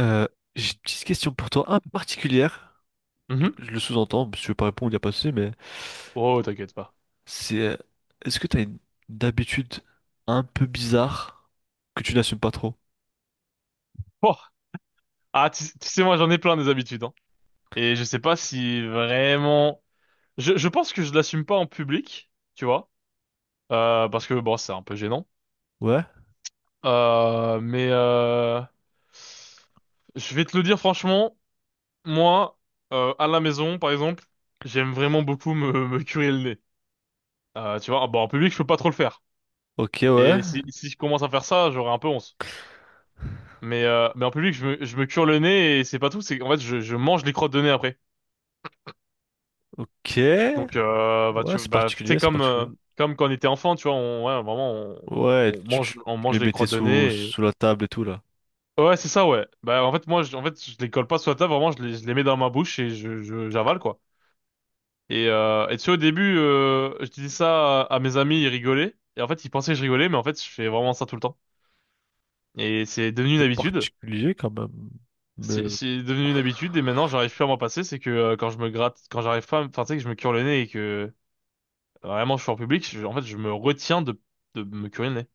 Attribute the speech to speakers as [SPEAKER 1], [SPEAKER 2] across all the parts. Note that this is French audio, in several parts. [SPEAKER 1] Euh, j'ai une petite question pour toi, un peu particulière.
[SPEAKER 2] Mhm.
[SPEAKER 1] Je le sous-entends, si tu veux pas répondre, il n'y a pas de souci, mais
[SPEAKER 2] Oh, t'inquiète pas.
[SPEAKER 1] c'est est-ce que tu as une habitude un peu bizarre que tu n'assumes pas trop?
[SPEAKER 2] Oh. Ah, tu sais, moi, j'en ai plein des habitudes, hein. Et je sais pas si vraiment. Je pense que je l'assume pas en public, tu vois. Parce que, bon, c'est un peu gênant.
[SPEAKER 1] Ouais,
[SPEAKER 2] Mais je vais te le dire franchement, moi, à la maison, par exemple, j'aime vraiment beaucoup me curer le nez. Tu vois, ah, bon, en public, je peux pas trop le faire.
[SPEAKER 1] ok, ouais,
[SPEAKER 2] Et si je commence à faire ça, j'aurai un peu honte. Mais en public, je me cure le nez et c'est pas tout, c'est qu'en fait, je mange les crottes de nez après.
[SPEAKER 1] ok,
[SPEAKER 2] Donc, bah,
[SPEAKER 1] ouais, c'est
[SPEAKER 2] tu
[SPEAKER 1] particulier,
[SPEAKER 2] sais,
[SPEAKER 1] c'est
[SPEAKER 2] comme,
[SPEAKER 1] particulier.
[SPEAKER 2] euh, comme quand on était enfant, tu vois, ouais, vraiment, on,
[SPEAKER 1] Ouais,
[SPEAKER 2] on mange, on
[SPEAKER 1] tu
[SPEAKER 2] mange
[SPEAKER 1] les
[SPEAKER 2] les
[SPEAKER 1] mettais
[SPEAKER 2] crottes de nez. Et.
[SPEAKER 1] sous la table et tout là.
[SPEAKER 2] Ouais, c'est ça, ouais. Bah, en fait, moi, je, en fait, je les colle pas sur la table, vraiment, je les mets dans ma bouche et j'avale, quoi. Et tu sais, au début, je disais ça à mes amis, ils rigolaient. Et en fait, ils pensaient que je rigolais, mais en fait, je fais vraiment ça tout le temps. Et c'est devenu une
[SPEAKER 1] C'est
[SPEAKER 2] habitude.
[SPEAKER 1] particulier quand même. Mais.
[SPEAKER 2] C'est devenu une habitude et maintenant, j'arrive plus à m'en passer. C'est que quand je me gratte, quand j'arrive pas, enfin, tu sais, que je me cure le nez et que vraiment, je suis en public, en fait, je me retiens de me curer le nez.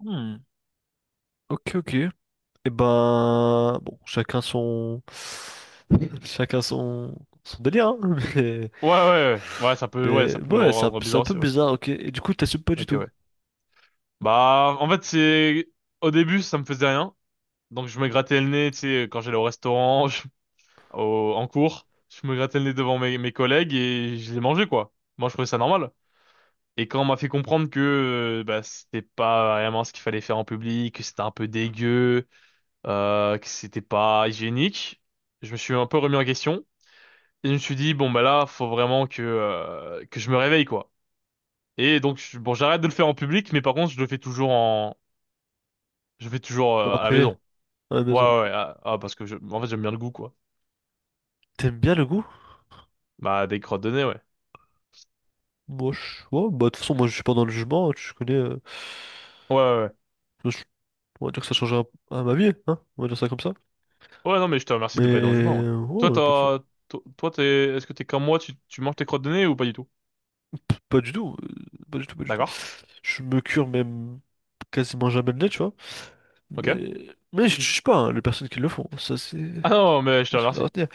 [SPEAKER 1] Hmm, ok, ok. Eh ben, bon, chacun son, chacun son, son délire, hein, mais,
[SPEAKER 2] Ouais, ouais, ouais, ouais, ça peut, ouais,
[SPEAKER 1] mais
[SPEAKER 2] ça peut
[SPEAKER 1] ouais, c'est
[SPEAKER 2] rendre
[SPEAKER 1] c'est
[SPEAKER 2] bizarre
[SPEAKER 1] un peu
[SPEAKER 2] aussi, ouais.
[SPEAKER 1] bizarre, ok. Et du coup, t'assumes pas du
[SPEAKER 2] Ok,
[SPEAKER 1] tout,
[SPEAKER 2] ouais. Bah, en fait, c'est, au début, ça me faisait rien. Donc, je me grattais le nez, tu sais, quand j'allais au restaurant, en cours, je me grattais le nez devant mes collègues et je les mangeais, quoi. Moi, je trouvais ça normal. Et quand on m'a fait comprendre que, bah, c'était pas vraiment ce qu'il fallait faire en public, que c'était un peu dégueu, que c'était pas hygiénique, je me suis un peu remis en question. Et je me suis dit, bon, bah là, faut vraiment que je me réveille, quoi. Et donc, bon, j'arrête de le faire en public, mais par contre, je le fais toujours
[SPEAKER 1] en
[SPEAKER 2] à la
[SPEAKER 1] privé,
[SPEAKER 2] maison.
[SPEAKER 1] à la
[SPEAKER 2] Ouais,
[SPEAKER 1] maison.
[SPEAKER 2] ouais,
[SPEAKER 1] Ok.
[SPEAKER 2] ouais. Ah, ah, parce que je, en fait, j'aime bien le goût, quoi.
[SPEAKER 1] T'aimes bien le goût?
[SPEAKER 2] Bah, des crottes de nez, ouais.
[SPEAKER 1] Moi, ouais, bah, de toute façon, moi, je suis pas dans le jugement, hein, tu connais.
[SPEAKER 2] Ouais, ouais, ouais.
[SPEAKER 1] Je- on va dire que ça change à ma vie, hein, on va dire ça comme ça.
[SPEAKER 2] Ouais, non, mais je te remercie de pas être dans le jument, ouais.
[SPEAKER 1] Mais
[SPEAKER 2] Toi,
[SPEAKER 1] ouais,
[SPEAKER 2] t'as, to- toi, t'es, est-ce que t'es comme moi, tu manges tes crottes de nez ou pas du tout?
[SPEAKER 1] pas du tout, pas du tout, pas du tout.
[SPEAKER 2] D'accord.
[SPEAKER 1] Je me cure même quasiment jamais le nez, tu vois.
[SPEAKER 2] Ok.
[SPEAKER 1] Mais je ne juge pas hein, les personnes qui le font. Ça, c'est
[SPEAKER 2] Ah non, mais je te
[SPEAKER 1] des choses à
[SPEAKER 2] remercie.
[SPEAKER 1] retenir.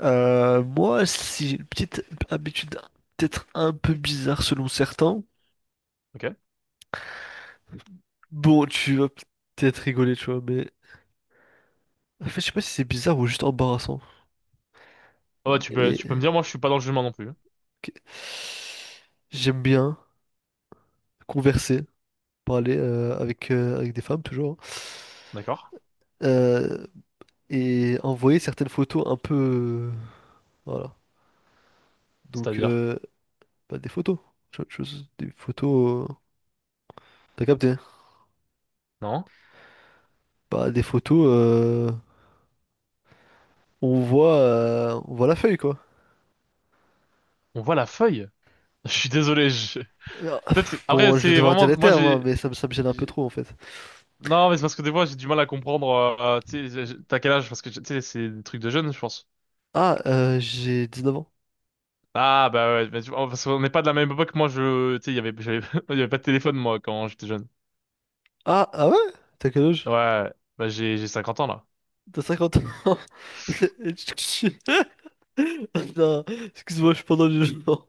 [SPEAKER 1] Moi, si j'ai une petite habitude peut-être un peu bizarre selon certains,
[SPEAKER 2] Ok.
[SPEAKER 1] bon, tu vas peut-être rigoler, tu vois, mais en fait, je sais pas si c'est bizarre ou juste embarrassant.
[SPEAKER 2] Ah ouais, tu peux,
[SPEAKER 1] Et
[SPEAKER 2] tu peux me dire, moi, je suis pas dans le jument non plus, hein.
[SPEAKER 1] ok. J'aime bien converser, parler avec, avec des femmes toujours, hein.
[SPEAKER 2] D'accord.
[SPEAKER 1] Euh, et envoyer certaines photos un peu, voilà. Donc,
[SPEAKER 2] C'est-à-dire,
[SPEAKER 1] bah, des photos. Tu vois, des photos, t'as capté? Hein.
[SPEAKER 2] non?
[SPEAKER 1] Bah, des photos. On voit, on voit la feuille, quoi.
[SPEAKER 2] On voit la feuille. Je suis désolé.
[SPEAKER 1] Alors,
[SPEAKER 2] Peut-être que, après,
[SPEAKER 1] bon, je vais
[SPEAKER 2] c'est
[SPEAKER 1] devoir dire
[SPEAKER 2] vraiment,
[SPEAKER 1] les
[SPEAKER 2] moi,
[SPEAKER 1] termes, hein,
[SPEAKER 2] j'ai,
[SPEAKER 1] mais ça me gêne un peu
[SPEAKER 2] j'ai-
[SPEAKER 1] trop, en fait.
[SPEAKER 2] Non, mais c'est parce que des fois, j'ai du mal à comprendre. Tu sais, t'as quel âge? Parce que tu sais, c'est des trucs de jeunes, je pense.
[SPEAKER 1] Ah, j'ai 9 ans.
[SPEAKER 2] Ah, bah ouais, mais oh, parce qu'on n'est pas de la même époque. Moi, je, tu sais, il y avait, j'avais- il y avait pas de téléphone, moi, quand j'étais jeune.
[SPEAKER 1] Ah, ah ouais? T'as quel âge?
[SPEAKER 2] Ouais, bah j'ai 50 ans, là.
[SPEAKER 1] T'as 50 ans. Non, excuse-moi, je suis pendant le jugement.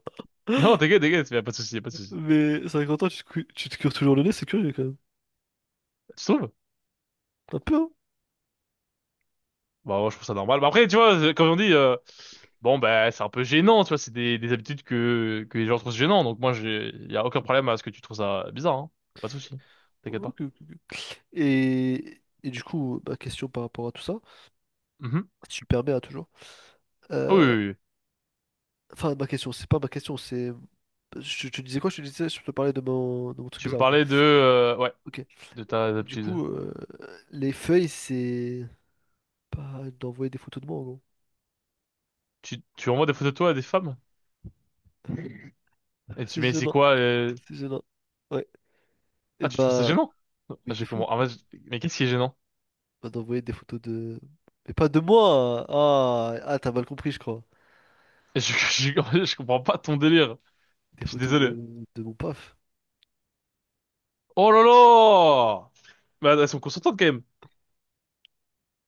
[SPEAKER 2] Non, t'inquiète, t'inquiète, y a pas de souci, y a pas de souci.
[SPEAKER 1] Mais 50 ans, tu te cures toujours le nez, c'est curieux, quand même.
[SPEAKER 2] Tu trouves?
[SPEAKER 1] Un peu, hein?
[SPEAKER 2] Bah, moi, je trouve ça normal. Bah, après, tu vois, comme on dit, bon, bah, c'est un peu gênant, tu vois, c'est des habitudes que les gens trouvent gênant. Donc, moi, y a aucun problème à ce que tu trouves ça bizarre, hein. Pas de souci. T'inquiète pas.
[SPEAKER 1] Ok, ok, ok. Et du coup, ma question par rapport à tout ça,
[SPEAKER 2] Mhm.
[SPEAKER 1] super bien, toujours.
[SPEAKER 2] Oui, oui,
[SPEAKER 1] Euh,
[SPEAKER 2] oui.
[SPEAKER 1] Enfin, ma question, c'est pas ma question, c'est. Je te disais quoi? Je te disais, je te parlais de de mon truc
[SPEAKER 2] Tu me
[SPEAKER 1] bizarre, ok.
[SPEAKER 2] parlais de, ouais.
[SPEAKER 1] Ok.
[SPEAKER 2] De ta
[SPEAKER 1] Et du
[SPEAKER 2] aptitude?
[SPEAKER 1] coup, les feuilles, c'est. Pas d'envoyer des photos de moi, en gros.
[SPEAKER 2] Tu envoies des photos de toi à des femmes? Et tu,
[SPEAKER 1] C'est
[SPEAKER 2] mais c'est
[SPEAKER 1] gênant.
[SPEAKER 2] quoi, euh.
[SPEAKER 1] C'est gênant. Ouais. Et
[SPEAKER 2] Ah, tu trouves ça
[SPEAKER 1] bah.
[SPEAKER 2] gênant?
[SPEAKER 1] Oui, de
[SPEAKER 2] Je
[SPEAKER 1] fou.
[SPEAKER 2] comprends. Ah, moi, Mais qu'est-ce qui est gênant?
[SPEAKER 1] Bah, d'envoyer des photos de. Mais pas de moi! Ah, t'as mal compris, je crois.
[SPEAKER 2] Je comprends pas ton délire.
[SPEAKER 1] Des
[SPEAKER 2] Je suis
[SPEAKER 1] photos
[SPEAKER 2] désolé.
[SPEAKER 1] de mon paf.
[SPEAKER 2] Oh là là! Bah elles sont consentantes quand même.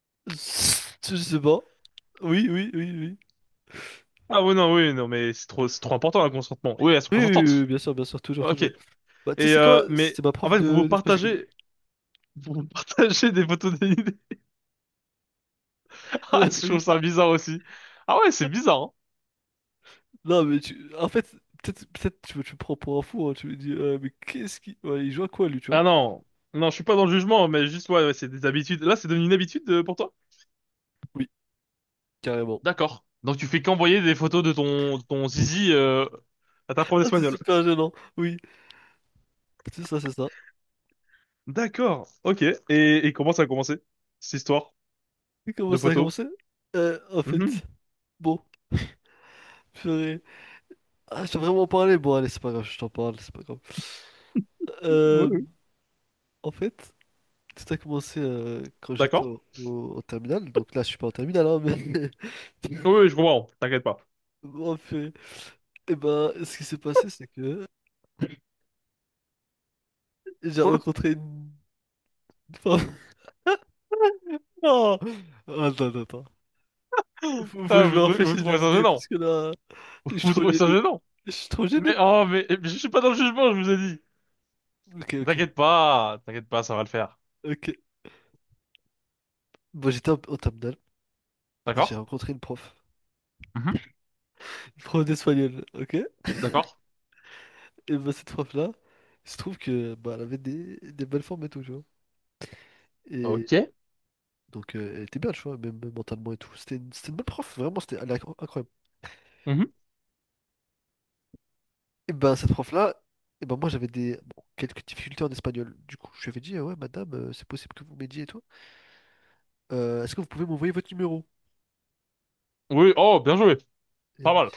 [SPEAKER 1] Je sais pas. Oui, oui, oui, oui.
[SPEAKER 2] Ah oui, non, oui, non, mais c'est trop important, le consentement. Oui, elles sont
[SPEAKER 1] Oui, oui, oui, oui,
[SPEAKER 2] consentantes.
[SPEAKER 1] bien sûr, toujours,
[SPEAKER 2] Ok.
[SPEAKER 1] toujours. Bah, tu sais,
[SPEAKER 2] Et,
[SPEAKER 1] c'est quoi?
[SPEAKER 2] mais,
[SPEAKER 1] C'était ma
[SPEAKER 2] en
[SPEAKER 1] prof
[SPEAKER 2] fait, vous vous
[SPEAKER 1] de d'espagnol.
[SPEAKER 2] partagez, vous vous partagez des photos dénudées. Ah, je trouve ça bizarre aussi. Ah ouais, c'est bizarre, hein.
[SPEAKER 1] Non, mais en fait, peut-être tu me prends pour un fou, hein, tu me dis, mais qu'est-ce qui. Ouais, il joue à quoi lui, tu vois?
[SPEAKER 2] Ah non. Non, je suis pas dans le jugement, mais juste, ouais, ouais, c'est des habitudes. Là, c'est devenu une habitude pour toi?
[SPEAKER 1] Oui, carrément.
[SPEAKER 2] D'accord. Donc tu fais qu'envoyer des photos de ton zizi à ta prof
[SPEAKER 1] Ah, c'est
[SPEAKER 2] d'espagnol.
[SPEAKER 1] super gênant, oui, c'est ça, c'est ça.
[SPEAKER 2] D'accord. Ok. Et comment ça a commencé? Cette histoire
[SPEAKER 1] Et comment
[SPEAKER 2] de
[SPEAKER 1] ça a
[SPEAKER 2] photos?
[SPEAKER 1] commencé? En
[SPEAKER 2] Mhm.
[SPEAKER 1] fait, bon, purée. Ah, je t'ai vraiment parlé, bon, allez, c'est pas grave, je t'en parle, c'est pas grave.
[SPEAKER 2] Oui,
[SPEAKER 1] Euh,
[SPEAKER 2] oui.
[SPEAKER 1] en fait, tout a commencé quand j'étais
[SPEAKER 2] D'accord.
[SPEAKER 1] au terminal, donc là, je suis pas en terminal, hein. mais.
[SPEAKER 2] Oui, oui, je comprends. T'inquiète pas.
[SPEAKER 1] Bon, purée. Et ben, ce qui s'est passé, c'est que j'ai rencontré une femme. Non! Oh, attends, attends, attends. Faut que
[SPEAKER 2] Ah,
[SPEAKER 1] je me
[SPEAKER 2] vous
[SPEAKER 1] rafraîchisse
[SPEAKER 2] trouvez
[SPEAKER 1] des
[SPEAKER 2] ça
[SPEAKER 1] idées
[SPEAKER 2] gênant?
[SPEAKER 1] parce que là, je suis
[SPEAKER 2] Vous
[SPEAKER 1] trop
[SPEAKER 2] trouvez ça
[SPEAKER 1] gêné.
[SPEAKER 2] gênant?
[SPEAKER 1] Je suis trop
[SPEAKER 2] Mais
[SPEAKER 1] gêné.
[SPEAKER 2] oh, mais je suis pas dans le jugement, je vous ai dit.
[SPEAKER 1] Ok, ok,
[SPEAKER 2] T'inquiète pas, ça va le faire.
[SPEAKER 1] ok. Bon, j'étais en terminale et j'ai
[SPEAKER 2] D'accord?
[SPEAKER 1] rencontré une prof.
[SPEAKER 2] Mhm.
[SPEAKER 1] Une prof d'espagnol, ok?
[SPEAKER 2] D'accord.
[SPEAKER 1] Et bah, cette prof-là, il se trouve que bah, elle avait des belles formes et tout, tu vois. Et
[SPEAKER 2] Ok.
[SPEAKER 1] donc, elle était bien, tu vois, même mentalement et tout. C'était une bonne prof, vraiment, c'était, elle est incroyable.
[SPEAKER 2] Mhm.
[SPEAKER 1] Et ben, cette prof-là, et ben, moi, j'avais des bon, quelques difficultés en espagnol. Du coup, je lui avais dit, ah ouais, madame, c'est possible que vous m'aidiez et tout. Est-ce que vous pouvez m'envoyer votre numéro?
[SPEAKER 2] Oui, oh, bien joué.
[SPEAKER 1] Et,
[SPEAKER 2] Pas
[SPEAKER 1] oui.
[SPEAKER 2] mal.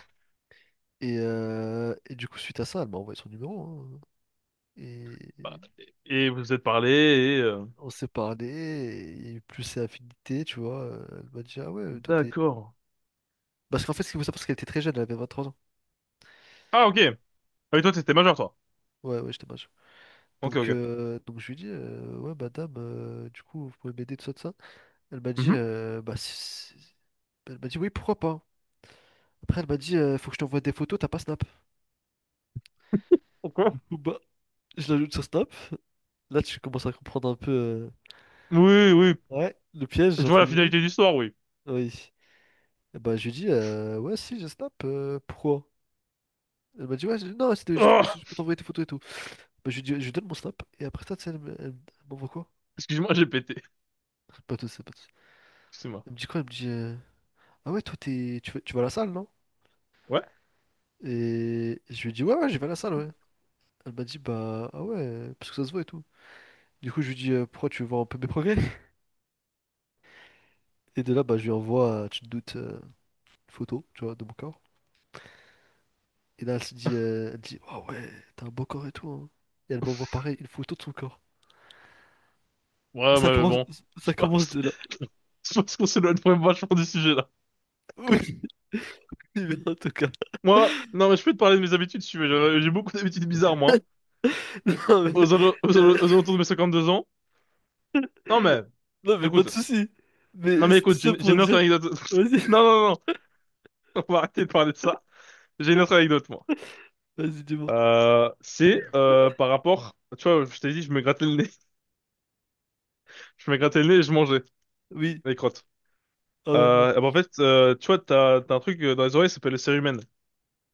[SPEAKER 1] Et du coup, suite à ça, elle m'a envoyé son numéro. Hein. Et
[SPEAKER 2] Bah, et vous vous êtes parlé.
[SPEAKER 1] on s'est parlé, et il y a eu plus ses affinités, tu vois. Elle m'a dit, ah ouais, toi t'es.
[SPEAKER 2] D'accord.
[SPEAKER 1] Parce qu'en fait, ce qu'il faut savoir, c'est qu'elle était très jeune, elle avait 23 ans.
[SPEAKER 2] Ah, ok. Ah oui, toi, t'étais majeur, toi.
[SPEAKER 1] Ouais, ouais, j'étais mage.
[SPEAKER 2] Ok,
[SPEAKER 1] Donc,
[SPEAKER 2] ok.
[SPEAKER 1] donc je lui ai dit, ouais, madame, du coup, vous pouvez m'aider, tout ça, tout ça. Elle m'a dit,
[SPEAKER 2] Mhm.
[SPEAKER 1] bah, si- elle m'a dit, oui, pourquoi pas. Après, elle m'a dit, faut que je t'envoie des photos, t'as pas Snap. Du
[SPEAKER 2] Ok.
[SPEAKER 1] coup, bah, je l'ajoute sur Snap. Là, tu commences à comprendre un peu,
[SPEAKER 2] Oui, oui.
[SPEAKER 1] ouais, le piège,
[SPEAKER 2] Je vois
[SPEAKER 1] entre
[SPEAKER 2] la
[SPEAKER 1] guillemets.
[SPEAKER 2] finalité de l'histoire, oui.
[SPEAKER 1] Oui. Bah, je lui dis, ouais, si, j'ai snap, pourquoi? Elle m'a dit, ouais, non, c'était
[SPEAKER 2] Oh
[SPEAKER 1] juste pour t'envoyer tes photos et tout. Bah, je lui dis, je lui donne mon snap, et après ça, tu sais, elle m'envoie quoi?
[SPEAKER 2] excuse-moi, j'ai pété.
[SPEAKER 1] Pas tout, ça pas tout. Ça.
[SPEAKER 2] Excuse-moi.
[SPEAKER 1] Elle me dit quoi? Elle me dit, ah ouais, toi, t'es, tu vas à la salle, non?
[SPEAKER 2] Ouais.
[SPEAKER 1] Et je lui dis, ouais, ouais, je vais à la salle, ouais. Elle m'a dit, bah, ah ouais, parce que ça se voit et tout. Du coup, je lui dis, pourquoi tu veux voir un peu mes progrès? Et de là, bah, je lui envoie, tu te doutes, une photo, tu vois, de mon corps. Et là, elle se dit, elle dit, ah ouais, t'as un beau corps et tout, hein. Et elle m'envoie pareil, une photo de son corps.
[SPEAKER 2] Ouais,
[SPEAKER 1] Ça
[SPEAKER 2] mais
[SPEAKER 1] commence,
[SPEAKER 2] bon.
[SPEAKER 1] ça
[SPEAKER 2] Je
[SPEAKER 1] commence
[SPEAKER 2] pense,
[SPEAKER 1] de là.
[SPEAKER 2] je pense qu'on s'éloigne vraiment vachement du sujet, là.
[SPEAKER 1] Oui, mais en tout cas.
[SPEAKER 2] Moi, non, mais je peux te parler de mes habitudes, si tu veux. J'ai beaucoup d'habitudes bizarres, moi.
[SPEAKER 1] Non, mais,
[SPEAKER 2] Aux, alo- aux,
[SPEAKER 1] euh,
[SPEAKER 2] alo- aux alentours de mes 52 ans. Non, mais,
[SPEAKER 1] non, mais pas de
[SPEAKER 2] écoute.
[SPEAKER 1] soucis.
[SPEAKER 2] Non,
[SPEAKER 1] Mais
[SPEAKER 2] mais
[SPEAKER 1] c'est tout
[SPEAKER 2] écoute,
[SPEAKER 1] ça
[SPEAKER 2] j'ai
[SPEAKER 1] pour
[SPEAKER 2] une autre
[SPEAKER 1] dire.
[SPEAKER 2] anecdote.
[SPEAKER 1] Vas-y,
[SPEAKER 2] Non, non, non. On va arrêter de parler de ça. J'ai une autre anecdote, moi.
[SPEAKER 1] vas-y, dis-moi.
[SPEAKER 2] C'est par rapport. Tu vois, je t'ai dit, je me grattais le nez. Je me grattais le nez et je mangeais.
[SPEAKER 1] Oui.
[SPEAKER 2] Les crottes.
[SPEAKER 1] Ah ouais. Ouais,
[SPEAKER 2] Bah, en fait, tu vois, t'as un truc dans les oreilles, ça s'appelle le cérumen.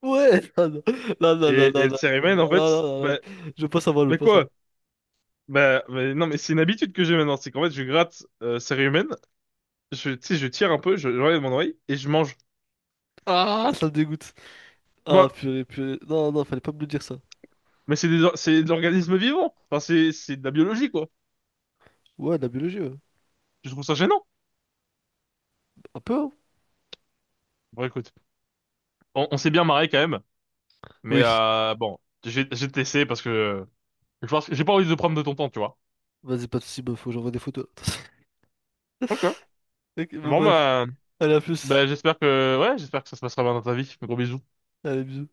[SPEAKER 1] ouais, non, non, non, non,
[SPEAKER 2] Et
[SPEAKER 1] non,
[SPEAKER 2] le
[SPEAKER 1] non, non, non, non,
[SPEAKER 2] cérumen, en
[SPEAKER 1] non,
[SPEAKER 2] fait,
[SPEAKER 1] non, non, non.
[SPEAKER 2] bah,
[SPEAKER 1] Je veux pas savoir, je veux
[SPEAKER 2] mais
[SPEAKER 1] pas
[SPEAKER 2] quoi?
[SPEAKER 1] savoir.
[SPEAKER 2] Bah, mais non, mais c'est une habitude que j'ai maintenant, c'est qu'en fait, je gratte cérumen, tu sais, je tire un peu, je regarde mon oreille, et je mange.
[SPEAKER 1] Ah, ça me dégoûte. Ah,
[SPEAKER 2] Bah,
[SPEAKER 1] purée, purée. Non, non, fallait pas me le dire ça.
[SPEAKER 2] mais c'est de l'organisme vivant. Enfin, c'est de la biologie, quoi.
[SPEAKER 1] Ouais, la biologie, ouais.
[SPEAKER 2] Je trouve ça gênant.
[SPEAKER 1] Un peu, hein.
[SPEAKER 2] Bon, écoute, on s'est bien marré quand même, mais
[SPEAKER 1] Oui.
[SPEAKER 2] bon, j'ai testé parce que je pense que j'ai pas envie de prendre de ton temps, tu vois.
[SPEAKER 1] Vas-y, pas de soucis, bah, faut que j'envoie des photos.
[SPEAKER 2] Ok.
[SPEAKER 1] Ok, bon,
[SPEAKER 2] Bon,
[SPEAKER 1] bref.
[SPEAKER 2] bah,
[SPEAKER 1] Allez, à plus.
[SPEAKER 2] bah j'espère que, ouais, j'espère que ça se passera bien dans ta vie. Gros bisous.
[SPEAKER 1] Allez, bisous.